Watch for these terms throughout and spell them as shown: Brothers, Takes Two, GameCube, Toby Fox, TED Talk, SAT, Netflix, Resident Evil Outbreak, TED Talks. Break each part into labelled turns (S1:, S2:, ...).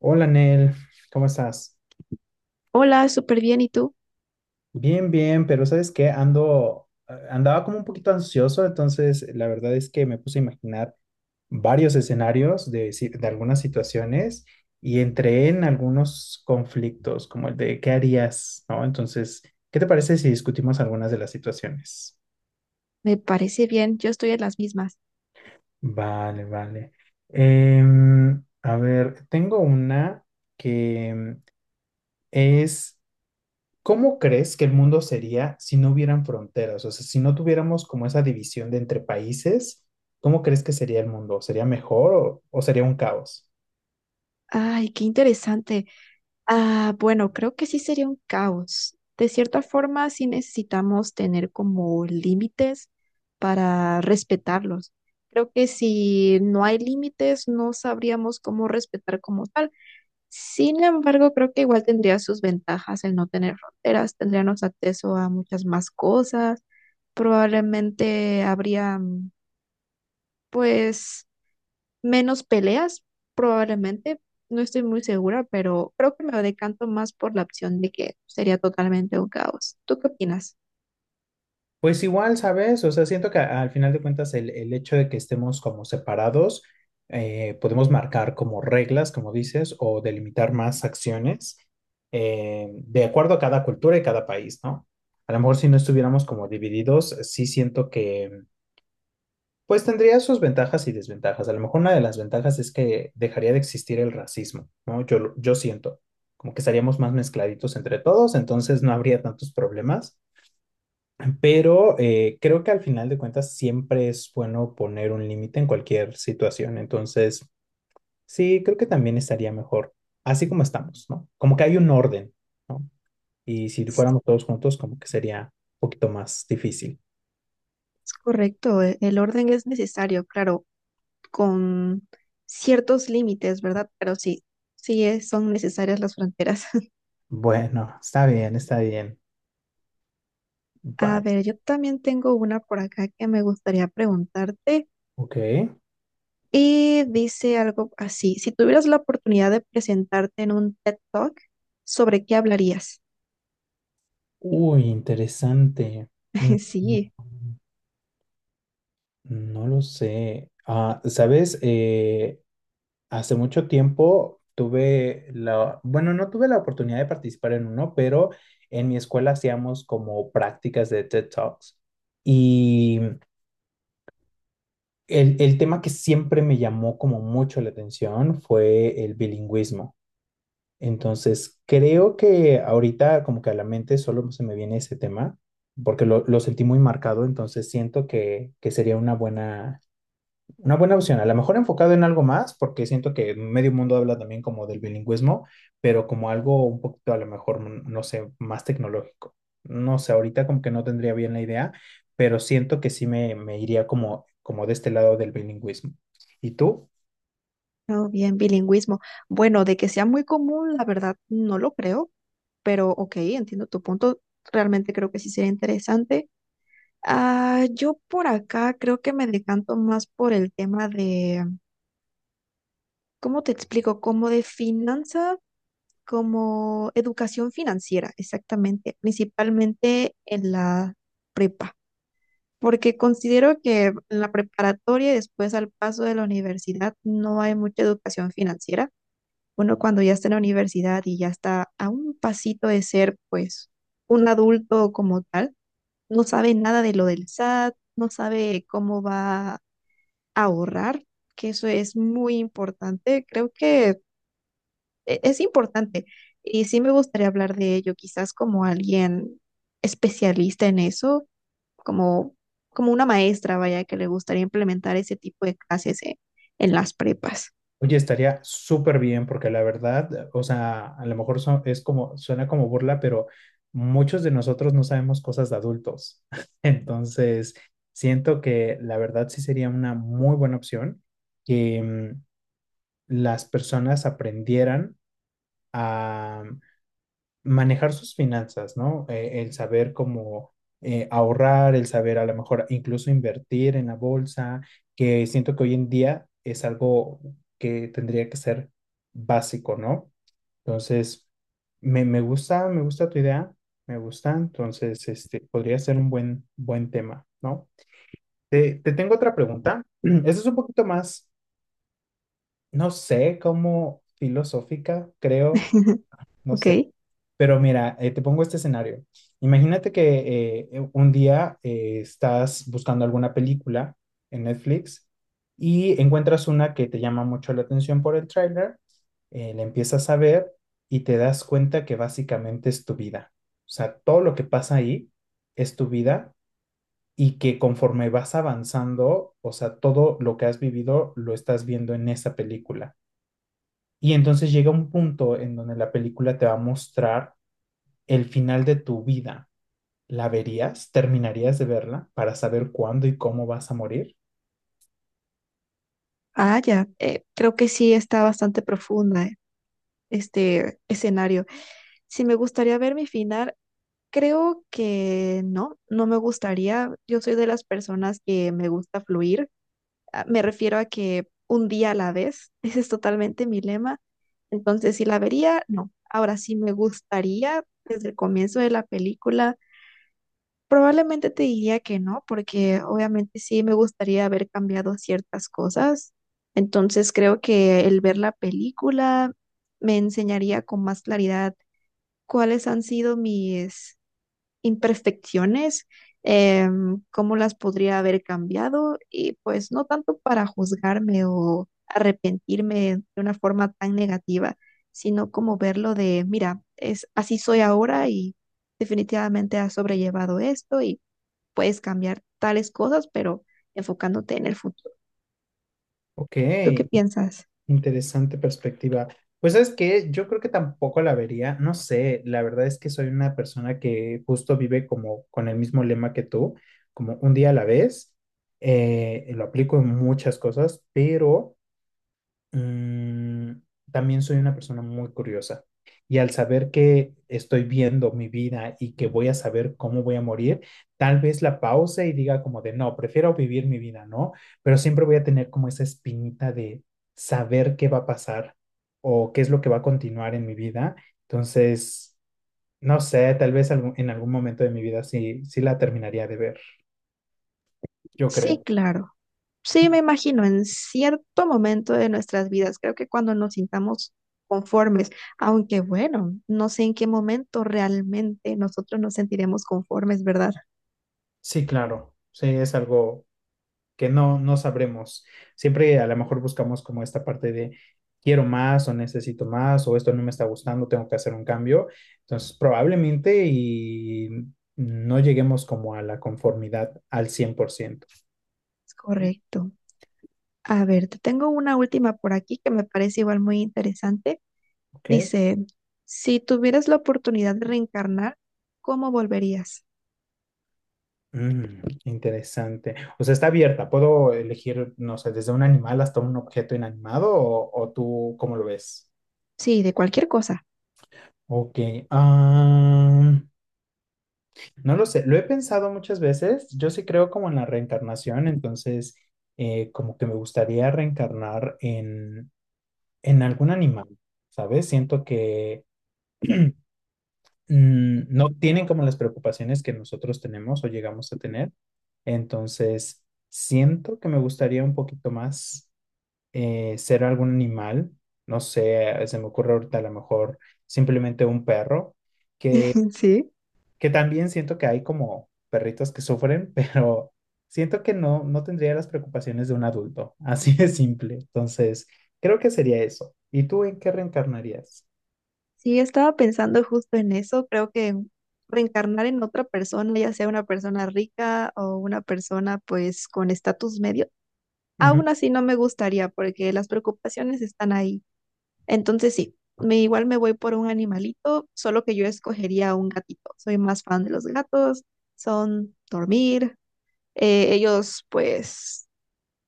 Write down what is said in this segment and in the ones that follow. S1: Hola, Nel, ¿cómo estás?
S2: Hola, súper bien. ¿Y tú?
S1: Bien, bien, pero ¿sabes qué? Ando, andaba como un poquito ansioso, entonces la verdad es que me puse a imaginar varios escenarios de, de algunas situaciones y entré en algunos conflictos, como el de ¿qué harías? ¿No? Entonces, ¿qué te parece si discutimos algunas de las situaciones?
S2: Me parece bien. Yo estoy en las mismas.
S1: Vale, vale. A ver, tengo una que es ¿cómo crees que el mundo sería si no hubieran fronteras? O sea, si no tuviéramos como esa división de entre países, ¿cómo crees que sería el mundo? ¿Sería mejor o sería un caos?
S2: Ay, qué interesante. Ah, bueno, creo que sí sería un caos. De cierta forma, sí necesitamos tener como límites para respetarlos. Creo que si no hay límites, no sabríamos cómo respetar como tal. Sin embargo, creo que igual tendría sus ventajas el no tener fronteras. Tendríamos acceso a muchas más cosas. Probablemente habría, pues, menos peleas, probablemente. No estoy muy segura, pero creo que me decanto más por la opción de que sería totalmente un caos. ¿Tú qué opinas?
S1: Pues igual, ¿sabes? O sea, siento que al final de cuentas el hecho de que estemos como separados, podemos marcar como reglas, como dices, o delimitar más acciones, de acuerdo a cada cultura y cada país, ¿no? A lo mejor si no estuviéramos como divididos, sí siento que pues tendría sus ventajas y desventajas. A lo mejor una de las ventajas es que dejaría de existir el racismo, ¿no? Yo siento, como que estaríamos más mezcladitos entre todos, entonces no habría tantos problemas. Pero creo que al final de cuentas siempre es bueno poner un límite en cualquier situación. Entonces, sí, creo que también estaría mejor así como estamos, ¿no? Como que hay un orden, ¿no? Y si fuéramos todos juntos, como que sería un poquito más difícil.
S2: Es correcto, el orden es necesario, claro, con ciertos límites, ¿verdad? Pero sí, son necesarias las fronteras.
S1: Bueno, está bien, está bien.
S2: A
S1: Bye,
S2: ver, yo también tengo una por acá que me gustaría preguntarte
S1: ok.
S2: y dice algo así, si tuvieras la oportunidad de presentarte en un TED Talk, ¿sobre qué hablarías?
S1: Uy, interesante. Mm,
S2: Sí.
S1: no lo sé. Ah, ¿sabes? Hace mucho tiempo tuve la, bueno, no tuve la oportunidad de participar en uno, pero en mi escuela hacíamos como prácticas de TED Talks. Y el tema que siempre me llamó como mucho la atención fue el bilingüismo. Entonces, creo que ahorita como que a la mente solo se me viene ese tema, porque lo sentí muy marcado, entonces siento que sería una buena opción. A lo mejor enfocado en algo más, porque siento que medio mundo habla también como del bilingüismo, pero como algo un poquito a lo mejor, mm, no sé, más tecnológico. No sé, ahorita como que no tendría bien la idea, pero siento que sí me iría como, como de este lado del bilingüismo. ¿Y tú?
S2: Oh, bien, bilingüismo. Bueno, de que sea muy común, la verdad no lo creo, pero ok, entiendo tu punto. Realmente creo que sí sería interesante. Ah, yo por acá creo que me decanto más por el tema de, ¿cómo te explico? Como de finanza, como educación financiera, exactamente, principalmente en la prepa, porque considero que en la preparatoria y después al paso de la universidad no hay mucha educación financiera, uno cuando ya está en la universidad y ya está a un pasito de ser, pues, un adulto como tal, no sabe nada de lo del SAT, no sabe cómo va a ahorrar, que eso es muy importante. Creo que es importante y sí me gustaría hablar de ello, quizás como alguien especialista en eso, como, como una maestra, vaya, que le gustaría implementar ese tipo de clases en las prepas.
S1: Oye, estaría súper bien porque la verdad, o sea, a lo mejor es como, suena como burla, pero muchos de nosotros no sabemos cosas de adultos. Entonces, siento que la verdad sí sería una muy buena opción que mm, las personas aprendieran manejar sus finanzas, ¿no? El saber cómo ahorrar, el saber a lo mejor incluso invertir en la bolsa, que siento que hoy en día es algo que tendría que ser básico, ¿no? Entonces, me gusta tu idea, me gusta, entonces, este, podría ser un buen, buen tema, ¿no? Te tengo otra pregunta. Esa es un poquito más, no sé, como filosófica, creo, no,
S2: Ok.
S1: pero mira, te pongo este escenario. Imagínate que un día estás buscando alguna película en Netflix y encuentras una que te llama mucho la atención por el tráiler, la empiezas a ver y te das cuenta que básicamente es tu vida. O sea, todo lo que pasa ahí es tu vida y que conforme vas avanzando, o sea, todo lo que has vivido lo estás viendo en esa película. Y entonces llega un punto en donde la película te va a mostrar el final de tu vida, ¿la verías? ¿Terminarías de verla para saber cuándo y cómo vas a morir?
S2: Ah, ya. Creo que sí está bastante profunda, este escenario. Si me gustaría ver mi final, creo que no, no me gustaría. Yo soy de las personas que me gusta fluir. Me refiero a que un día a la vez. Ese es totalmente mi lema. Entonces, si la vería, no. Ahora sí me gustaría desde el comienzo de la película. Probablemente te diría que no, porque obviamente sí me gustaría haber cambiado ciertas cosas. Entonces creo que el ver la película me enseñaría con más claridad cuáles han sido mis imperfecciones, cómo las podría haber cambiado y pues no tanto para juzgarme o arrepentirme de una forma tan negativa, sino como verlo de, mira, es así soy ahora y definitivamente has sobrellevado esto y puedes cambiar tales cosas, pero enfocándote en el futuro.
S1: Ok,
S2: ¿Tú qué piensas?
S1: interesante perspectiva. Pues es que yo creo que tampoco la vería, no sé, la verdad es que soy una persona que justo vive como con el mismo lema que tú, como un día a la vez, lo aplico en muchas cosas, pero mm, también soy una persona muy curiosa y al saber que estoy viendo mi vida y que voy a saber cómo voy a morir, tal vez la pause y diga como de no, prefiero vivir mi vida, ¿no? Pero siempre voy a tener como esa espinita de saber qué va a pasar o qué es lo que va a continuar en mi vida. Entonces, no sé, tal vez en algún momento de mi vida sí, sí la terminaría de ver, yo
S2: Sí,
S1: creo.
S2: claro. Sí, me imagino, en cierto momento de nuestras vidas, creo que cuando nos sintamos conformes, aunque bueno, no sé en qué momento realmente nosotros nos sentiremos conformes, ¿verdad?
S1: Sí, claro, sí, es algo que no, no sabremos. Siempre a lo mejor buscamos como esta parte de quiero más o necesito más o esto no me está gustando, tengo que hacer un cambio. Entonces, probablemente y no lleguemos como a la conformidad al 100%.
S2: Es correcto. A ver, te tengo una última por aquí que me parece igual muy interesante.
S1: ¿Ok?
S2: Dice, si tuvieras la oportunidad de reencarnar, ¿cómo volverías?
S1: Mm, interesante. O sea, está abierta. ¿Puedo elegir, no sé, desde un animal hasta un objeto inanimado o tú cómo lo ves?
S2: Sí, de cualquier cosa.
S1: Ok. Ah, no lo sé, lo he pensado muchas veces. Yo sí creo como en la reencarnación, entonces como que me gustaría reencarnar en algún animal, ¿sabes? Siento que mm, no tienen como las preocupaciones que nosotros tenemos o llegamos a tener. Entonces, siento que me gustaría un poquito más, ser algún animal. No sé, se me ocurre ahorita a lo mejor simplemente un perro.
S2: Sí.
S1: Que también siento que hay como perritos que sufren, pero siento que no, no tendría las preocupaciones de un adulto. Así de simple. Entonces, creo que sería eso. ¿Y tú en qué reencarnarías?
S2: Sí, estaba pensando justo en eso. Creo que reencarnar en otra persona, ya sea una persona rica o una persona pues con estatus medio,
S1: Ujú.
S2: aún así no me gustaría porque las preocupaciones están ahí. Entonces sí, me igual me voy por un animalito, solo que yo escogería un gatito. Soy más fan de los gatos, son dormir. Ellos pues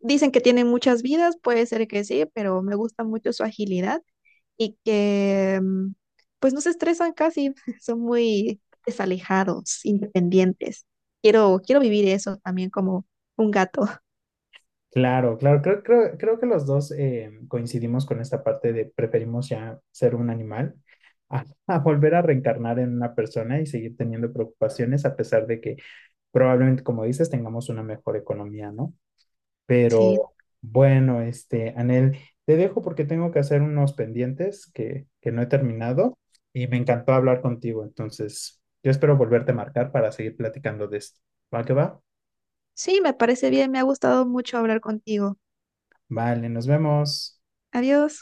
S2: dicen que tienen muchas vidas, puede ser que sí, pero me gusta mucho su agilidad y que pues no se estresan casi, son muy desalejados, independientes. Quiero vivir eso también como un gato.
S1: Claro, claro. Creo que los dos coincidimos con esta parte de preferimos ya ser un animal a volver a reencarnar en una persona y seguir teniendo preocupaciones a pesar de que probablemente, como dices, tengamos una mejor economía, ¿no? Pero
S2: Sí,
S1: bueno, este, Anel, te dejo porque tengo que hacer unos pendientes que no he terminado y me encantó hablar contigo. Entonces, yo espero volverte a marcar para seguir platicando de esto. ¿Va que va?
S2: sí, me parece bien, me ha gustado mucho hablar contigo.
S1: Vale, nos vemos.
S2: Adiós.